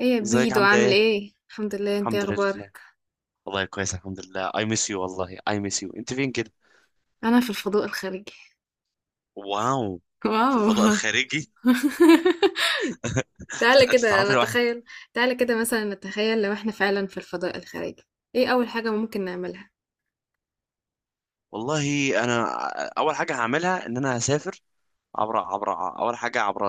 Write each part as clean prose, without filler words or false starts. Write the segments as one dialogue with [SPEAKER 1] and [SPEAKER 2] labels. [SPEAKER 1] ايه يا
[SPEAKER 2] ازيك؟
[SPEAKER 1] بيدو؟
[SPEAKER 2] عامله
[SPEAKER 1] عامل
[SPEAKER 2] ايه؟
[SPEAKER 1] ايه؟ الحمد لله. انت إيه
[SPEAKER 2] الحمد لله.
[SPEAKER 1] اخبارك؟
[SPEAKER 2] والله كويس، الحمد لله. اي ميس يو والله، اي ميس يو. انت فين كده؟
[SPEAKER 1] انا في الفضاء الخارجي.
[SPEAKER 2] واو. في الفضاء
[SPEAKER 1] واو.
[SPEAKER 2] الخارجي.
[SPEAKER 1] تعالى
[SPEAKER 2] انت
[SPEAKER 1] كده
[SPEAKER 2] تعرفي لوحدك.
[SPEAKER 1] نتخيل، تعالى كده مثلا نتخيل لو احنا فعلا في الفضاء الخارجي، ايه اول حاجة ممكن نعملها؟
[SPEAKER 2] والله انا اول حاجه هعملها ان انا هسافر عبر اول حاجه عبر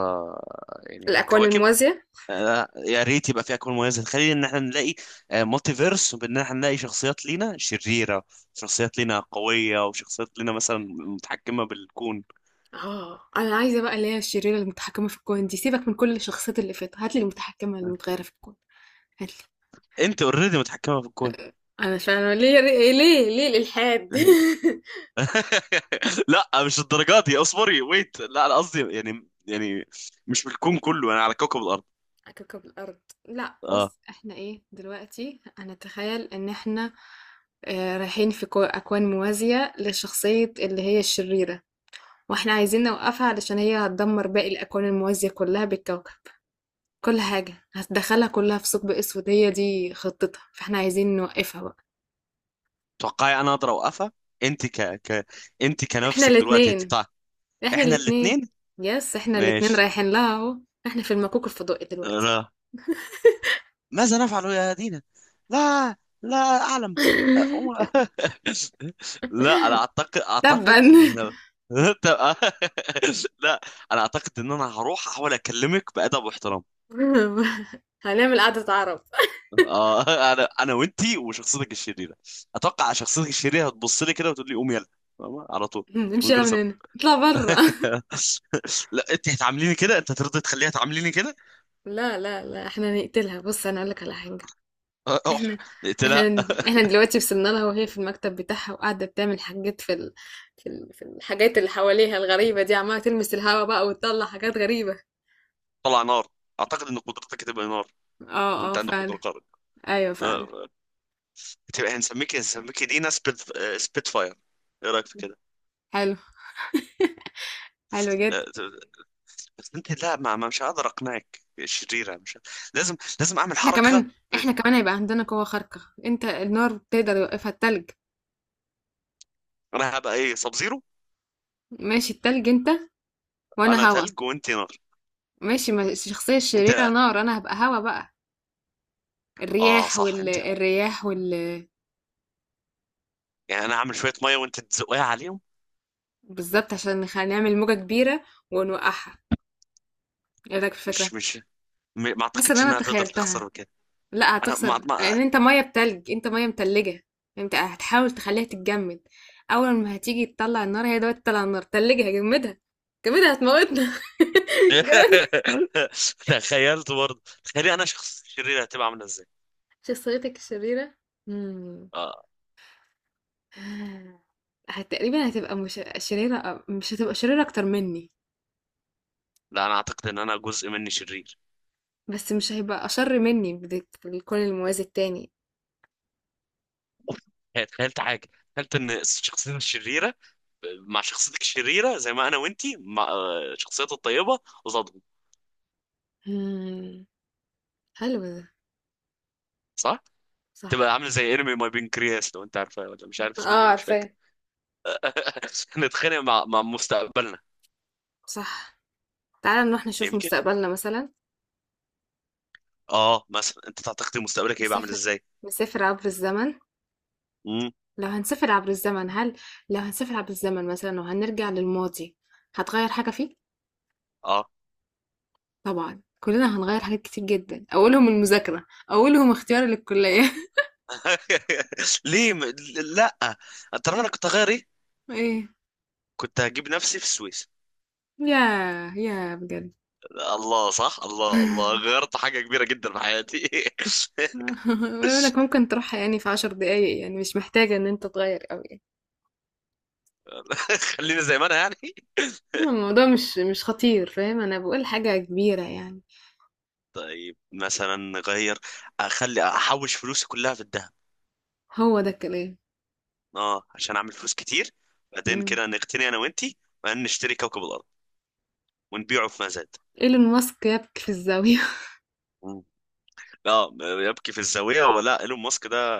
[SPEAKER 2] يعني
[SPEAKER 1] الاكوان
[SPEAKER 2] الكواكب.
[SPEAKER 1] الموازية.
[SPEAKER 2] آه، يا ريت يبقى في اكوان موازي، خلينا ان احنا نلاقي مالتي فيرس وبان احنا نلاقي شخصيات لينا شريره، شخصيات لينا قويه، وشخصيات لينا مثلا متحكمه بالكون.
[SPEAKER 1] اه، انا عايزة بقى اللي هي الشريرة المتحكمة في الكون دي، سيبك من كل الشخصيات اللي فاتت، هاتلي المتحكمة المتغيرة في الكون، هاتلي.
[SPEAKER 2] انت اوريدي متحكمه في الكون؟
[SPEAKER 1] انا فعلا؟ ليه ليه؟ ليه الالحاد؟
[SPEAKER 2] لا مش الدرجات دي، اصبري ويت، لا انا قصدي يعني مش بالكون كله، انا على كوكب الارض.
[SPEAKER 1] على كوكب الأرض. لا
[SPEAKER 2] اه.
[SPEAKER 1] بص، احنا ايه دلوقتي؟ هنتخيل ان احنا رايحين في أكوان موازية لشخصية اللي هي الشريرة، واحنا عايزين نوقفها علشان هي هتدمر باقي الأكوان الموازية كلها بالكوكب، كل حاجة هتدخلها كلها في ثقب أسود. هي دي خطتها، فاحنا عايزين نوقفها بقى.
[SPEAKER 2] توقعي انا اقدر اوقفها؟ انت ك ك انت
[SPEAKER 1] احنا
[SPEAKER 2] كنفسك دلوقتي
[SPEAKER 1] الاتنين،
[SPEAKER 2] هتدفع.
[SPEAKER 1] احنا
[SPEAKER 2] احنا
[SPEAKER 1] الاتنين.
[SPEAKER 2] الاثنين.
[SPEAKER 1] يس احنا الاتنين
[SPEAKER 2] ماشي.
[SPEAKER 1] رايحين لها اهو. احنا في المكوك الفضائي دلوقتي.
[SPEAKER 2] لا، ماذا نفعل يا دينا؟ لا، لا اعلم. لا انا اعتقد
[SPEAKER 1] تبا.
[SPEAKER 2] اعتقد ان انا. طب- لا، انا اعتقد ان انا هروح احاول اكلمك بادب واحترام.
[SPEAKER 1] هنعمل قعدة عرب.
[SPEAKER 2] اه. انا وانتي وشخصيتك الشريره. اتوقع شخصيتك الشريره هتبص لي كده وتقول لي قوم يلا. فاهمة؟ على طول، من
[SPEAKER 1] نمشي يلا
[SPEAKER 2] غير
[SPEAKER 1] من
[SPEAKER 2] سبب.
[SPEAKER 1] هنا، اطلع برا.
[SPEAKER 2] لا، انت هتعامليني كده؟ انت هترضي تخليها تعامليني كده؟
[SPEAKER 1] لا لا لا، احنا نقتلها. بص انا اقولك على حاجه،
[SPEAKER 2] اه،
[SPEAKER 1] احنا
[SPEAKER 2] قلت لها.
[SPEAKER 1] احنا دلوقتي وصلنا لها وهي في المكتب بتاعها وقاعده بتعمل حاجات في الحاجات اللي حواليها الغريبه دي، عماله تلمس الهوا بقى وتطلع حاجات غريبه.
[SPEAKER 2] طلع نار. اعتقد ان قدرتك هتبقى نار لو
[SPEAKER 1] اه
[SPEAKER 2] انت
[SPEAKER 1] اه
[SPEAKER 2] عندك قدره
[SPEAKER 1] فعلا.
[SPEAKER 2] خارقه.
[SPEAKER 1] ايوه فعلا.
[SPEAKER 2] اه، هتبقى، هنسميك دينا سبيت. اه، سبيت فاير. ايه رايك في كده؟
[SPEAKER 1] حلو، حلو
[SPEAKER 2] اه،
[SPEAKER 1] جدا.
[SPEAKER 2] بس انت، لا ما ما- مش هقدر اقنعك شريره، مش ه- لازم اعمل
[SPEAKER 1] احنا
[SPEAKER 2] حركه.
[SPEAKER 1] كمان، احنا كمان هيبقى عندنا قوه خارقه. انت النار تقدر يوقفها التلج.
[SPEAKER 2] انا هبقى ايه؟ سب زيرو.
[SPEAKER 1] ماشي، التلج انت
[SPEAKER 2] انا
[SPEAKER 1] وانا هوا.
[SPEAKER 2] تلج وانت نار.
[SPEAKER 1] ماشي، ما الشخصيه
[SPEAKER 2] انت،
[SPEAKER 1] الشريره نار، انا هبقى هوا بقى.
[SPEAKER 2] اه
[SPEAKER 1] الرياح
[SPEAKER 2] صح،
[SPEAKER 1] وال...
[SPEAKER 2] انت
[SPEAKER 1] الرياح وال...
[SPEAKER 2] يعني انا اعمل شويه ميه وانت تزقها عليهم.
[SPEAKER 1] بالظبط، عشان نعمل موجة كبيرة ونوقعها. ايه رأيك في الفكرة؟
[SPEAKER 2] مش مش م- ما
[SPEAKER 1] حاسة ان
[SPEAKER 2] اعتقدش
[SPEAKER 1] انا
[SPEAKER 2] انها تقدر تخسر
[SPEAKER 1] تخيلتها.
[SPEAKER 2] من كده.
[SPEAKER 1] لا،
[SPEAKER 2] انا ما
[SPEAKER 1] هتخسر
[SPEAKER 2] ما
[SPEAKER 1] لان انت مية بتلج، انت مية متلجة. انت هتحاول تخليها تتجمد، اول ما هتيجي تطلع النار، هي دلوقتي تطلع النار تلجها، جمدها، جمدها هتموتنا. جمدها.
[SPEAKER 2] تخيلت برضه. تخيلي انا شخص شرير هتبقى عامله ازاي؟
[SPEAKER 1] شخصيتك الشريرة. مم.
[SPEAKER 2] اه.
[SPEAKER 1] تقريبا هتبقى مش شريرة، مش هتبقى شريرة أكتر مني.
[SPEAKER 2] لا، انا اعتقد ان انا جزء مني شرير.
[SPEAKER 1] بس مش هيبقى أشر مني بكل الموازي التاني.
[SPEAKER 2] تخيلت حاجه. تخيلت ان شخصيتي الشريره مع شخصيتك الشريره زي ما انا وانتي مع شخصيتي الطيبه قصادهم.
[SPEAKER 1] إمم، حلو ده.
[SPEAKER 2] صح. تبقى
[SPEAKER 1] صح.
[SPEAKER 2] عامله زي انمي ماي بنكرياس. لو انت عارفه؟ ولا مش عارف اسمه
[SPEAKER 1] آه،
[SPEAKER 2] ايه، مش فاكر.
[SPEAKER 1] عارفاه.
[SPEAKER 2] نتخانق مع مع مستقبلنا
[SPEAKER 1] صح. تعالَ نروح نشوف
[SPEAKER 2] يمكن.
[SPEAKER 1] مستقبلنا مثلًا.
[SPEAKER 2] اه مثلا، انت تعتقد مستقبلك هيبقى عامل
[SPEAKER 1] نسافر،
[SPEAKER 2] ازاي؟
[SPEAKER 1] نسافر عبر الزمن.
[SPEAKER 2] امم.
[SPEAKER 1] لو هنسافر عبر الزمن هل، لو هنسافر عبر الزمن مثلًا وهنرجع للماضي، هتغيّر حاجة فيه؟
[SPEAKER 2] اه.
[SPEAKER 1] طبعًا، كلنا هنغيّر حاجات كتير جدًا، أولهم المذاكرة، أولهم اختياري للكلية.
[SPEAKER 2] ليه م... لا. ترى انا كنت هغير ايه.
[SPEAKER 1] إيه.
[SPEAKER 2] كنت هجيب نفسي في السويس.
[SPEAKER 1] ياه! ياه بجد!
[SPEAKER 2] الله، صح، الله، الله، غيرت حاجة كبيرة جدا في حياتي.
[SPEAKER 1] بما إنك ممكن تروحها يعني في 10 دقايق، يعني مش محتاجة إن أنت تغيّر أوي يعني.
[SPEAKER 2] خلينا زي ما انا يعني.
[SPEAKER 1] لا، الموضوع مش خطير فاهم، انا بقول حاجة كبيرة يعني.
[SPEAKER 2] طيب مثلا غير. اخلي احوش فلوسي كلها في الذهب.
[SPEAKER 1] هو ده الكلام.
[SPEAKER 2] اه، عشان اعمل فلوس كتير. بعدين
[SPEAKER 1] مم.
[SPEAKER 2] كده نقتني انا وانتي، وبعدين نشتري كوكب الارض ونبيعه في مزاد.
[SPEAKER 1] ايلون ماسك يبكي في الزاوية.
[SPEAKER 2] مم. اه، يبكي في الزاوية؟ ولا ايلون ماسك ده،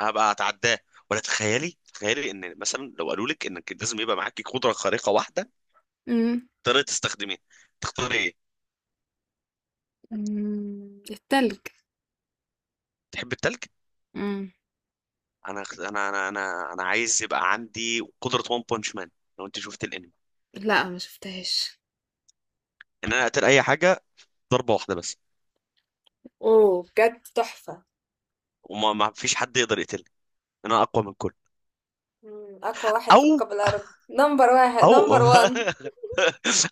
[SPEAKER 2] انا هبقى اتعداه. ولا تخيلي ان مثلا لو قالوا لك انك لازم يبقى معاكي قدره خارقه واحده
[SPEAKER 1] مم.
[SPEAKER 2] تقدري تستخدميها، تختاري ايه؟
[SPEAKER 1] مم. التلج.
[SPEAKER 2] تحب التلج.
[SPEAKER 1] مم.
[SPEAKER 2] انا عايز يبقى عندي قدره وان بانش مان. لو انت شفت الانمي.
[SPEAKER 1] لا، ما شفتهاش.
[SPEAKER 2] ان انا اقتل اي حاجه ضربه واحده بس.
[SPEAKER 1] اوه بجد تحفة.
[SPEAKER 2] وما ما فيش حد يقدر يقتلني. انا اقوى من كل.
[SPEAKER 1] مم، اقوى واحد في
[SPEAKER 2] او.
[SPEAKER 1] كوكب الارض، نمبر واحد، نمبر
[SPEAKER 2] او.
[SPEAKER 1] وان.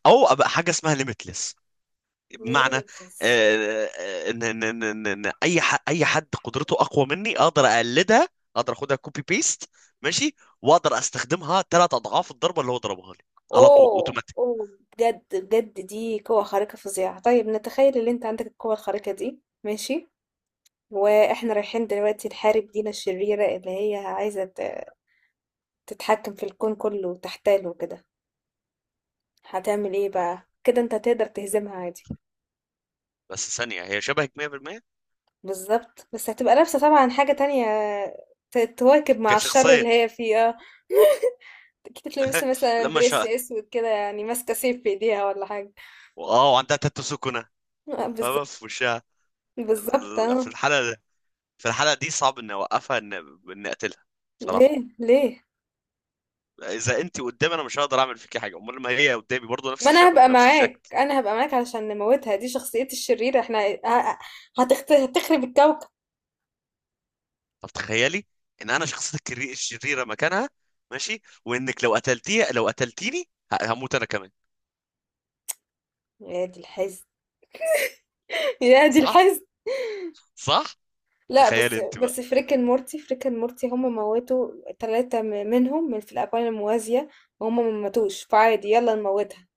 [SPEAKER 2] او ابقى حاجه اسمها ليميتلس. بمعنى،
[SPEAKER 1] ليميتلس.
[SPEAKER 2] ان ان ان ان إن اي حد قدرته اقوى مني اقدر اقلدها. اقدر اخدها كوبي بيست. ماشي. واقدر استخدمها ثلاث اضعاف الضربه اللي هو ضربها لي، على طول،
[SPEAKER 1] اوه
[SPEAKER 2] اوتوماتيك.
[SPEAKER 1] اوه. بجد بجد دي قوة خارقة فظيعة. طيب نتخيل ان انت عندك القوة الخارقة دي، ماشي، واحنا رايحين دلوقتي نحارب دينا الشريرة اللي هي عايزة تتحكم في الكون كله وتحتاله كده، هتعمل ايه بقى كده؟ انت هتقدر تهزمها عادي؟
[SPEAKER 2] بس ثانيه، هي شبهك 100%؟
[SPEAKER 1] بالظبط، بس هتبقى لابسة طبعا حاجة تانية، تواكب مع الشر
[SPEAKER 2] كشخصيه.
[SPEAKER 1] اللي هي فيه. اه اكيد تلبس مثلا
[SPEAKER 2] لما
[SPEAKER 1] دريس
[SPEAKER 2] شاء.
[SPEAKER 1] اسود كده يعني، ماسكة سيف في ايديها ولا حاجة.
[SPEAKER 2] اه، وعندها تاتو سكنه،
[SPEAKER 1] آه،
[SPEAKER 2] فاهمة،
[SPEAKER 1] بالظبط.
[SPEAKER 2] في وشها.
[SPEAKER 1] بالظبط
[SPEAKER 2] في
[SPEAKER 1] اه.
[SPEAKER 2] الحاله دي صعب اني اوقفها، ان ان اقتلها، بصراحه.
[SPEAKER 1] ليه ليه؟
[SPEAKER 2] اذا انت قدامي انا مش هقدر اعمل فيكي حاجه، امال ما هي قدامي برضه نفس
[SPEAKER 1] ما انا
[SPEAKER 2] الشبه
[SPEAKER 1] هبقى
[SPEAKER 2] ونفس الشكل.
[SPEAKER 1] معاك، انا هبقى معاك علشان نموتها، دي شخصيتي الشريرة، احنا هتخرب الكوكب.
[SPEAKER 2] طب تخيلي ان انا شخصيتك الشريره مكانها، ماشي، وانك لو قتلتيها لو قتلتيني، هموت انا كمان.
[SPEAKER 1] يا دي الحزن. يا دي
[SPEAKER 2] صح.
[SPEAKER 1] الحزن.
[SPEAKER 2] صح.
[SPEAKER 1] لا بس
[SPEAKER 2] تخيلي انت
[SPEAKER 1] بس،
[SPEAKER 2] بقى.
[SPEAKER 1] فريك اند مورتي، فريك اند مورتي هم موتوا 3 منهم من في الأكوان الموازية، وهم ما ماتوش، فعادي يلا نموتها.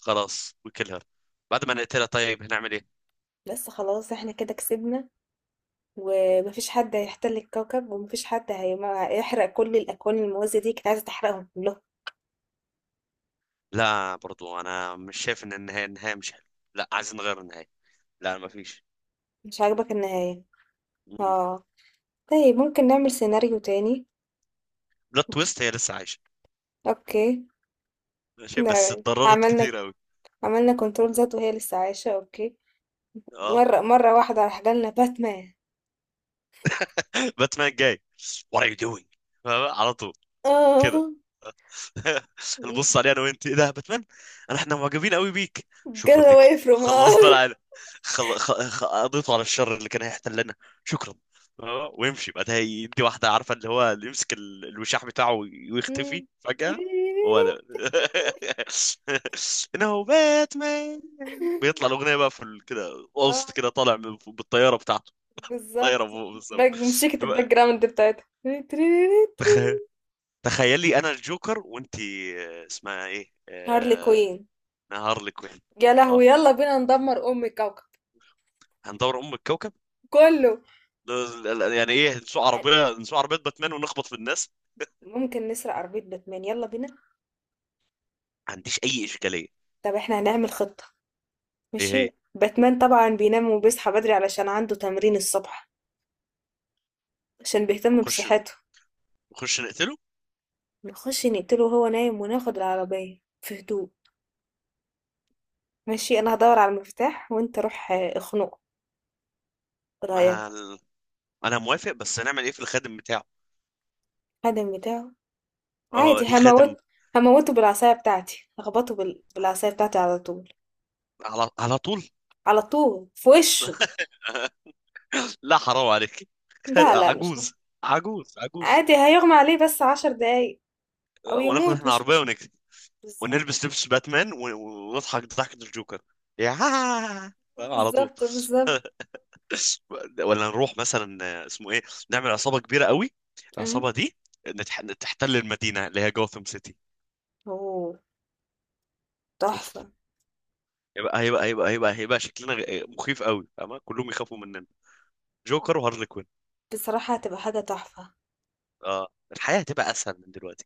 [SPEAKER 2] خلاص وكل هير. بعد ما نقتلها طيب هنعمل ايه؟
[SPEAKER 1] بس خلاص، احنا كده كسبنا، ومفيش حد هيحتل الكوكب، ومفيش حد هيحرق كل الأكوان الموازية دي كنت عايزة تحرقهم كلهم.
[SPEAKER 2] لا، برضو انا مش شايف ان النهايه مش حلوه. لا، عايزين نغير النهايه. لا، ما فيش.
[SPEAKER 1] مش عاجبك النهاية؟ اه. طيب ممكن نعمل سيناريو تاني.
[SPEAKER 2] بلوت تويست، هي لسه عايشه.
[SPEAKER 1] اوكي،
[SPEAKER 2] ماشي، بس
[SPEAKER 1] احنا
[SPEAKER 2] اتضررت
[SPEAKER 1] عملنا،
[SPEAKER 2] كتير قوي.
[SPEAKER 1] عملنا كنترول ذات، وهي لسه عايشة اوكي.
[SPEAKER 2] اه.
[SPEAKER 1] مرة واحدة راح جالنا باتمان.
[SPEAKER 2] باتمان جاي. وات ار يو دوينج؟ على طول، كده.
[SPEAKER 1] اه.
[SPEAKER 2] نبص عليه انا وانت. ايه ده يا باتمان؟ احنا معجبين قوي بيك. شكرا
[SPEAKER 1] Get
[SPEAKER 2] ليكم،
[SPEAKER 1] away from
[SPEAKER 2] خلصنا
[SPEAKER 1] us.
[SPEAKER 2] العالم. قضيته على الشر اللي كان هيحتلنا. شكرا. ويمشي بعدها يدي واحده، عارفه، اللي هو اللي يمسك الوشاح بتاعه ويختفي
[SPEAKER 1] إمم.
[SPEAKER 2] فجاه. هو ده. انه باتمان. بيطلع الاغنيه بقى في كده، وسط
[SPEAKER 1] آه،
[SPEAKER 2] كده، طالع بالطياره بتاعته. طايره
[SPEAKER 1] بالضبط.
[SPEAKER 2] فوق
[SPEAKER 1] باك، موسيقى
[SPEAKER 2] بالظبط.
[SPEAKER 1] الback ground بتاعتها.
[SPEAKER 2] تخ- تخيلي انا الجوكر وانت اسمها ايه،
[SPEAKER 1] هارلي كوين.
[SPEAKER 2] نهار الكوين.
[SPEAKER 1] يا لهوي!
[SPEAKER 2] اه،
[SPEAKER 1] يالّا بينا ندمّر أم الكوكب
[SPEAKER 2] هندور ام الكوكب.
[SPEAKER 1] كُلّه.
[SPEAKER 2] لا- لا، يعني ايه، نسوق
[SPEAKER 1] عن،
[SPEAKER 2] عربيه؟ نسوق عربيه باتمان ونخبط في الناس.
[SPEAKER 1] ممكن نسرق عربية باتمان، يالّا بينا.
[SPEAKER 2] ما عنديش اي اشكاليه.
[SPEAKER 1] طب إحنا هنعمل خطة.
[SPEAKER 2] ايه هي؟
[SPEAKER 1] ماشي، باتمان طبعًا بينام وبيصحى بدري علشان عنده تمرين الصبح، عشان بيهتم
[SPEAKER 2] نخش
[SPEAKER 1] بصحته.
[SPEAKER 2] نخش نقتله.
[SPEAKER 1] نخش نقتله وهو نايم وناخد العربية في هدوء. ماشي، انا هدور على المفتاح وانت روح اخنقه. إيه
[SPEAKER 2] ما
[SPEAKER 1] رايك؟
[SPEAKER 2] ال... انا موافق، بس هنعمل ايه في الخادم بتاعه؟
[SPEAKER 1] الخادم بتاعه،
[SPEAKER 2] اه،
[SPEAKER 1] عادي
[SPEAKER 2] دي خادم.
[SPEAKER 1] هموت، هموته بالعصايه بتاعتي، هخبطه بالعصايه بتاعتي على طول،
[SPEAKER 2] على على طول
[SPEAKER 1] على طول في وشه.
[SPEAKER 2] لا حرام عليك.
[SPEAKER 1] لا لا مش هن-
[SPEAKER 2] عجوز، عجوز، عجوز.
[SPEAKER 1] عادي هيغمى عليه بس 10 دقايق، او
[SPEAKER 2] وناخد
[SPEAKER 1] يموت
[SPEAKER 2] احنا
[SPEAKER 1] مش
[SPEAKER 2] عربيه
[SPEAKER 1] مش
[SPEAKER 2] ونجري.
[SPEAKER 1] بالظبط.
[SPEAKER 2] ونلبس لبس باتمان و- و- ونضحك ضحكه الجوكر، يا، فاهم، على طول.
[SPEAKER 1] بالظبط، بالظبط.
[SPEAKER 2] ولا نروح مثلا، اسمه ايه، نعمل عصابه كبيره قوي.
[SPEAKER 1] أمم.
[SPEAKER 2] العصابه دي تحتل المدينه اللي هي جوثام سيتي.
[SPEAKER 1] اوه
[SPEAKER 2] اوف.
[SPEAKER 1] تحفه.
[SPEAKER 2] هيبقى شكلنا مخيف قوي، فاهمة، كلهم يخافوا مننا. جوكر وهارلي كوين.
[SPEAKER 1] بصراحه هتبقى حاجه تحفه.
[SPEAKER 2] اه، الحياه هتبقى اسهل من دلوقتي.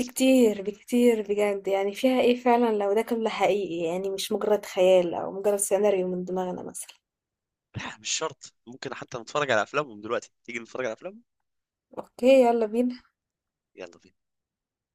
[SPEAKER 1] بكتير بكتير بجد، يعني فيها ايه فعلا لو ده كله حقيقي، يعني مش مجرد خيال او مجرد سيناريو من دماغنا مثلا.
[SPEAKER 2] لا، مش شرط، ممكن حتى نتفرج على افلامهم دلوقتي، تيجي نتفرج على افلامهم.
[SPEAKER 1] اوكي يلا بينا.
[SPEAKER 2] يلا بينا.